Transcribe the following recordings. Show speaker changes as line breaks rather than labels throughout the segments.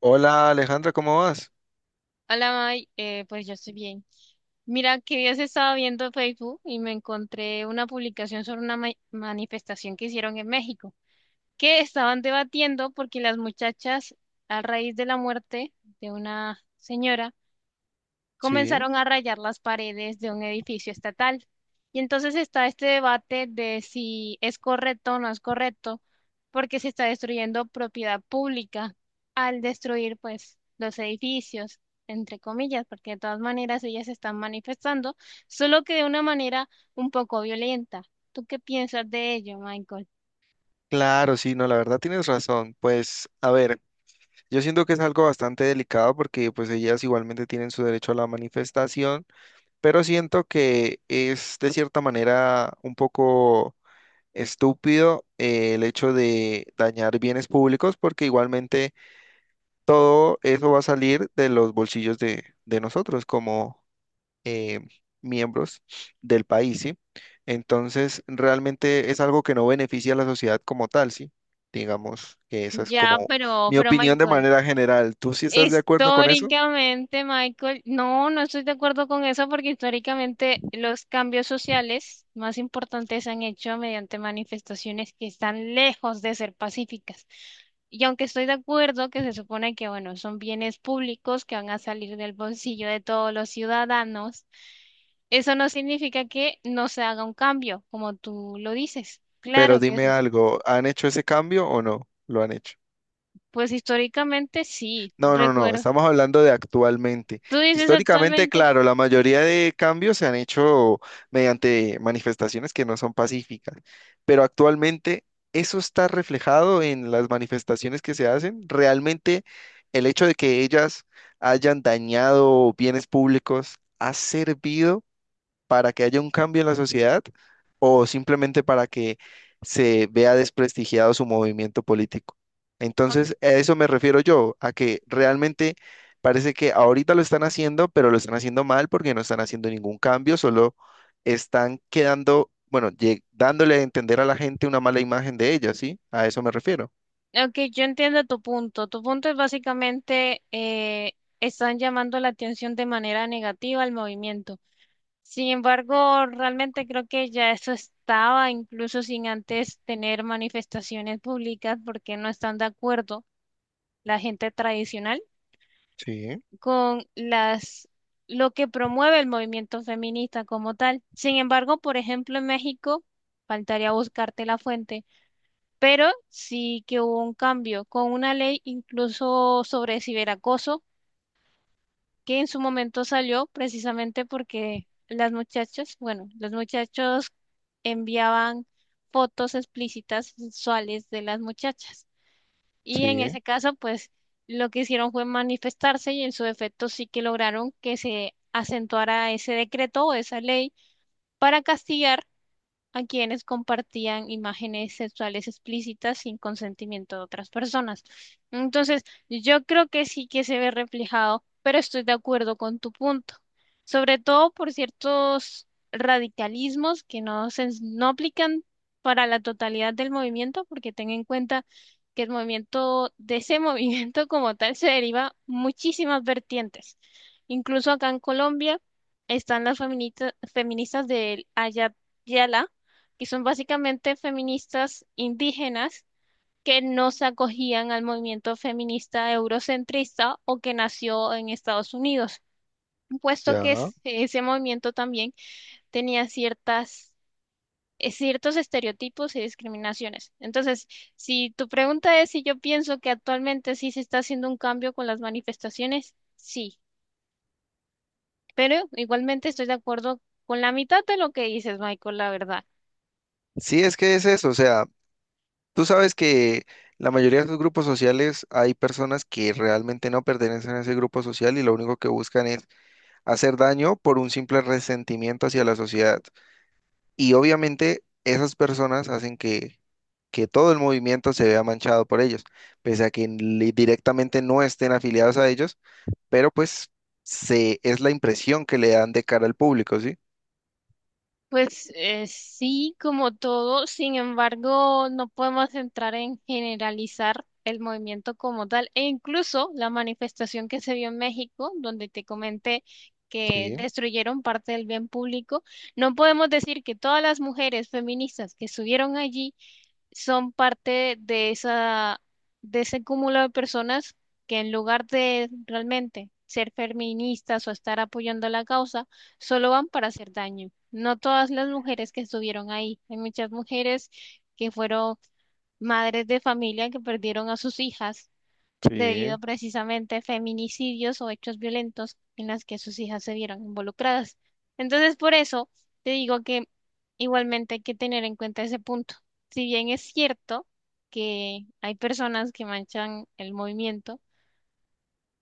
Hola, Alejandra, ¿cómo vas?
Hola, May. Pues yo estoy bien. Mira, que días estaba viendo Facebook y me encontré una publicación sobre una manifestación que hicieron en México, que estaban debatiendo porque las muchachas, a raíz de la muerte de una señora,
Sí,
comenzaron a rayar las paredes de un edificio estatal. Y entonces está este debate de si es correcto o no es correcto, porque se está destruyendo propiedad pública al destruir pues los edificios, entre comillas, porque de todas maneras ellas se están manifestando, solo que de una manera un poco violenta. ¿Tú qué piensas de ello, Michael?
claro, sí, no, la verdad tienes razón. Pues, a ver, yo siento que es algo bastante delicado porque pues ellas igualmente tienen su derecho a la manifestación, pero siento que es de cierta manera un poco estúpido, el hecho de dañar bienes públicos porque igualmente todo eso va a salir de los bolsillos de nosotros como eh, miembros del país, ¿sí? Entonces, realmente es algo que no beneficia a la sociedad como tal, ¿sí? Digamos que esa es
Ya,
como
pero,
mi
pero
opinión de
Michael.
manera general. ¿Tú sí estás de acuerdo con eso?
Históricamente, Michael, no estoy de acuerdo con eso porque históricamente los cambios sociales más importantes se han hecho mediante manifestaciones que están lejos de ser pacíficas. Y aunque estoy de acuerdo que se supone que, bueno, son bienes públicos que van a salir del bolsillo de todos los ciudadanos, eso no significa que no se haga un cambio, como tú lo dices.
Pero
Claro que es
dime
así.
algo, ¿han hecho ese cambio o no? ¿Lo han hecho?
Pues históricamente sí,
No, no, no,
recuerdo.
estamos hablando de actualmente.
¿Tú dices
Históricamente,
actualmente?
claro, la mayoría de cambios se han hecho mediante manifestaciones que no son pacíficas, pero actualmente eso está reflejado en las manifestaciones que se hacen. Realmente el hecho de que ellas hayan dañado bienes públicos ha servido para que haya un cambio en la sociedad o simplemente para que se vea desprestigiado su movimiento político. Entonces, a eso me refiero yo, a que realmente parece que ahorita lo están haciendo, pero lo están haciendo mal porque no están haciendo ningún cambio, solo están quedando, bueno, dándole a entender a la gente una mala imagen de ella, ¿sí? A eso me refiero.
Ok, yo entiendo tu punto. Tu punto es básicamente están llamando la atención de manera negativa al movimiento. Sin embargo, realmente creo que ya eso estaba, incluso sin antes tener manifestaciones públicas, porque no están de acuerdo la gente tradicional
Sí,
con las lo que promueve el movimiento feminista como tal. Sin embargo, por ejemplo, en México, faltaría buscarte la fuente pero sí que hubo un cambio con una ley incluso sobre ciberacoso que en su momento salió precisamente porque las muchachas, bueno, los muchachos enviaban fotos explícitas sexuales de las muchachas y en
sí,
ese caso pues lo que hicieron fue manifestarse y en su defecto sí que lograron que se acentuara ese decreto o esa ley para castigar a quienes compartían imágenes sexuales explícitas sin consentimiento de otras personas. Entonces, yo creo que sí que se ve reflejado, pero estoy de acuerdo con tu punto, sobre todo por ciertos radicalismos que no se no aplican para la totalidad del movimiento, porque ten en cuenta que el movimiento de ese movimiento como tal se deriva muchísimas vertientes. Incluso acá en Colombia están las feministas del Ayat y son básicamente feministas indígenas que no se acogían al movimiento feminista eurocentrista o que nació en Estados Unidos, puesto que
ya.
ese movimiento también tenía ciertas, ciertos estereotipos y discriminaciones. Entonces, si tu pregunta es si yo pienso que actualmente sí se está haciendo un cambio con las manifestaciones, sí, pero igualmente estoy de acuerdo con la mitad de lo que dices, Michael, la verdad.
Sí, es que es eso, o sea. Tú sabes que la mayoría de los grupos sociales hay personas que realmente no pertenecen a ese grupo social y lo único que buscan es hacer daño por un simple resentimiento hacia la sociedad. Y obviamente esas personas hacen que todo el movimiento se vea manchado por ellos, pese a que directamente no estén afiliados a ellos, pero pues se, es la impresión que le dan de cara al público, ¿sí?
Pues sí, como todo, sin embargo, no podemos entrar en generalizar el movimiento como tal, e incluso la manifestación que se vio en México, donde te comenté que
Sí,
destruyeron parte del bien público, no podemos decir que todas las mujeres feministas que estuvieron allí son parte de esa, de ese cúmulo de personas que en lugar de realmente ser feministas o estar apoyando la causa, solo van para hacer daño. No todas las mujeres que estuvieron ahí. Hay muchas mujeres que fueron madres de familia que perdieron a sus hijas debido
sí.
a precisamente a feminicidios o hechos violentos en las que sus hijas se vieron involucradas. Entonces, por eso te digo que igualmente hay que tener en cuenta ese punto. Si bien es cierto que hay personas que manchan el movimiento,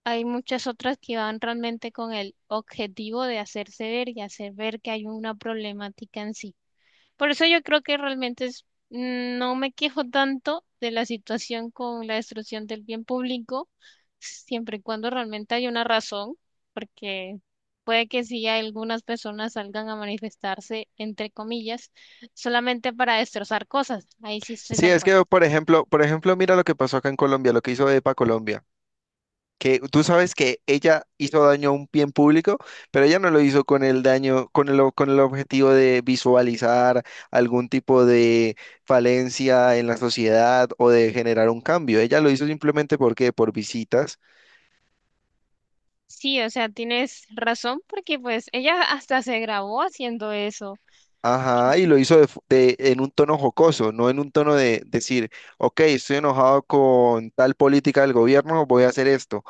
hay muchas otras que van realmente con el objetivo de hacerse ver y hacer ver que hay una problemática en sí. Por eso yo creo que realmente es, no me quejo tanto de la situación con la destrucción del bien público, siempre y cuando realmente hay una razón, porque puede que sí algunas personas salgan a manifestarse, entre comillas, solamente para destrozar cosas. Ahí sí estoy de
Sí, es
acuerdo.
que, por ejemplo, mira lo que pasó acá en Colombia, lo que hizo EPA Colombia. Que tú sabes que ella hizo daño a un bien público, pero ella no lo hizo con el daño, con el objetivo de visualizar algún tipo de falencia en la sociedad o de generar un cambio. Ella lo hizo simplemente porque por visitas.
Sí, o sea, tienes razón porque pues ella hasta se grabó haciendo eso.
Ajá, y lo hizo en un tono jocoso, no en un tono de decir, ok, estoy enojado con tal política del gobierno, voy a hacer esto,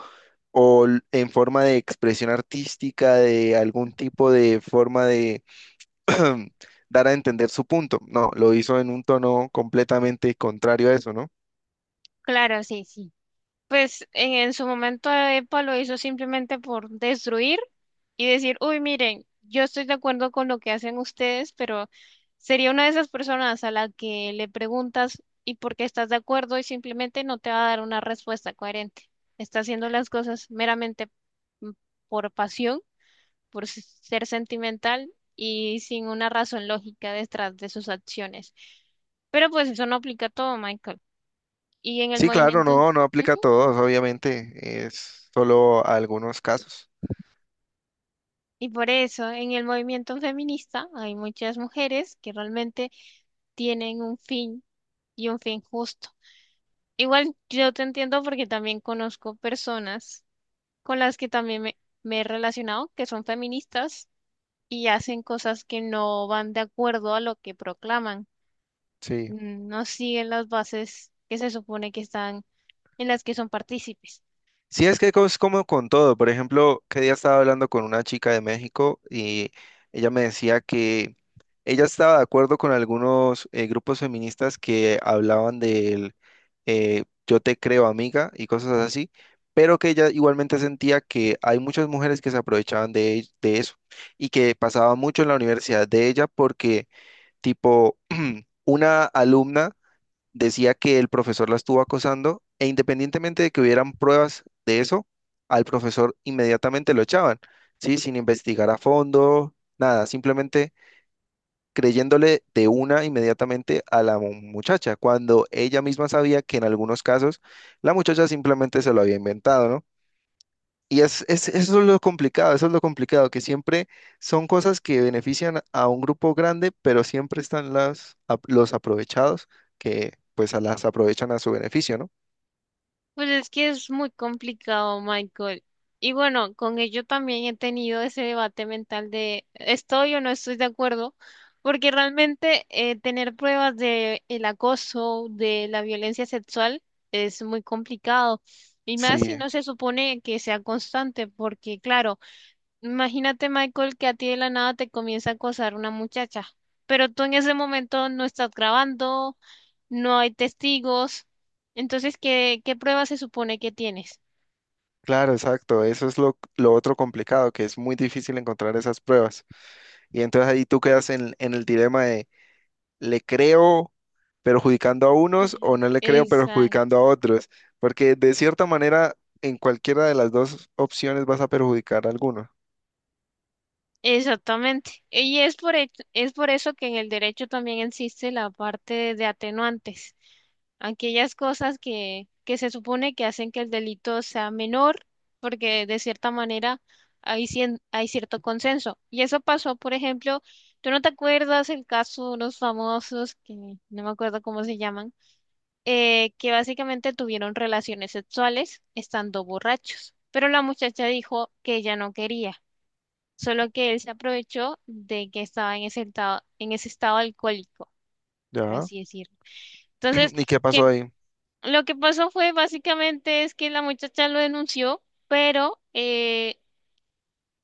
o en forma de expresión artística, de algún tipo de forma de dar a entender su punto. No, lo hizo en un tono completamente contrario a eso, ¿no?
Claro, sí, sí. Pues en su momento EPA lo hizo simplemente por destruir y decir, uy, miren, yo estoy de acuerdo con lo que hacen ustedes, pero sería una de esas personas a la que le preguntas y por qué estás de acuerdo y simplemente no te va a dar una respuesta coherente. Está haciendo las cosas meramente mm, por pasión, por ser sentimental y sin una razón lógica detrás de sus acciones. Pero pues eso no aplica a todo, Michael. Y en el
Sí, claro,
movimiento...
no, no aplica a todos, obviamente, es solo a algunos casos.
Y por eso en el movimiento feminista hay muchas mujeres que realmente tienen un fin y un fin justo. Igual yo te entiendo porque también conozco personas con las que también me he relacionado que son feministas y hacen cosas que no van de acuerdo a lo que proclaman.
Sí.
No siguen las bases que se supone que están en las que son partícipes.
Sí, es que es como con todo. Por ejemplo, que día estaba hablando con una chica de México y ella me decía que ella estaba de acuerdo con algunos grupos feministas que hablaban del yo te creo amiga y cosas así, pero que ella igualmente sentía que hay muchas mujeres que se aprovechaban de eso y que pasaba mucho en la universidad de ella porque tipo una alumna decía que el profesor la estuvo acosando e independientemente de que hubieran pruebas de eso, al profesor inmediatamente lo echaban, ¿sí? Sin investigar a fondo, nada, simplemente creyéndole de una inmediatamente a la muchacha, cuando ella misma sabía que en algunos casos la muchacha simplemente se lo había inventado, ¿no? Y eso es lo complicado, eso es lo complicado, que siempre son cosas que benefician a un grupo grande, pero siempre están los aprovechados que pues a las aprovechan a su beneficio, ¿no?
Pues es que es muy complicado, Michael. Y bueno, con ello también he tenido ese debate mental de estoy o no estoy de acuerdo, porque realmente tener pruebas de el acoso, de la violencia sexual, es muy complicado. Y más
Sí,
si no se supone que sea constante, porque claro, imagínate, Michael, que a ti de la nada te comienza a acosar una muchacha, pero tú en ese momento no estás grabando no hay testigos. Entonces, ¿qué prueba se supone que tienes?
claro, exacto. Eso es lo otro complicado, que es muy difícil encontrar esas pruebas. Y entonces ahí tú quedas en el dilema de, ¿le creo perjudicando a unos o no le creo
Exacto.
perjudicando a otros? Porque de cierta manera, en cualquiera de las dos opciones vas a perjudicar a alguno.
Exactamente. Y es por, es por eso que en el derecho también existe la parte de atenuantes, aquellas cosas que se supone que hacen que el delito sea menor, porque de cierta manera hay, hay cierto consenso. Y eso pasó, por ejemplo, ¿tú no te acuerdas el caso de unos famosos que no me acuerdo cómo se llaman? Eh, que básicamente tuvieron relaciones sexuales estando borrachos, pero la muchacha dijo que ella no quería, solo que él se aprovechó de que estaba en ese estado alcohólico, por
Ya.
así decirlo. Entonces,
¿Y qué
que
pasó ahí?
lo que pasó fue básicamente es que la muchacha lo denunció, pero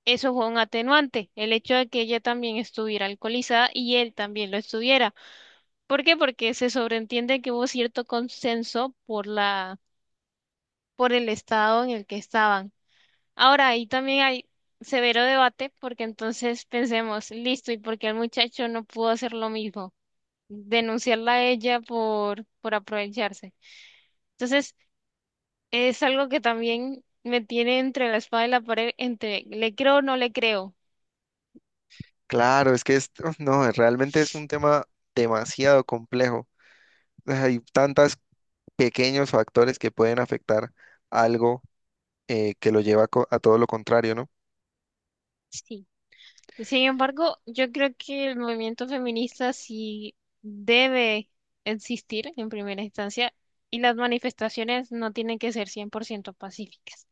eso fue un atenuante, el hecho de que ella también estuviera alcoholizada y él también lo estuviera. ¿Por qué? Porque se sobreentiende que hubo cierto consenso por la por el estado en el que estaban. Ahora, ahí también hay severo debate porque entonces pensemos, listo, ¿y por qué el muchacho no pudo hacer lo mismo? Denunciarla a ella por aprovecharse. Entonces, es algo que también me tiene entre la espada y la pared, entre le creo o no le creo.
Claro, es que esto, no, realmente es un tema demasiado complejo. Hay tantos pequeños factores que pueden afectar algo, que lo a todo lo contrario, ¿no?
Sí. Sin embargo, yo creo que el movimiento feminista sí debe existir en primera instancia y las manifestaciones no tienen que ser 100% pacíficas.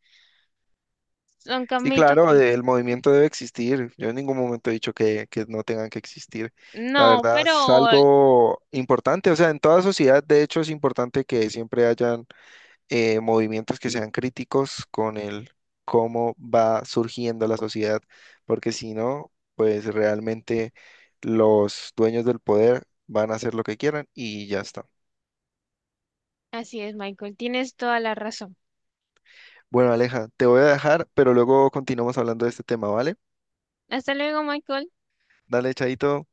Son
Sí,
Camito que...
claro, el movimiento debe existir. Yo en ningún momento he dicho que no tengan que existir. La
No,
verdad es
pero
algo importante. O sea, en toda sociedad, de hecho, es importante que siempre haya movimientos que sean críticos con el cómo va surgiendo la sociedad, porque si no, pues realmente los dueños del poder van a hacer lo que quieran y ya está.
así es, Michael. Tienes toda la razón.
Bueno, Aleja, te voy a dejar, pero luego continuamos hablando de este tema, ¿vale?
Hasta luego, Michael.
Dale, Chaito.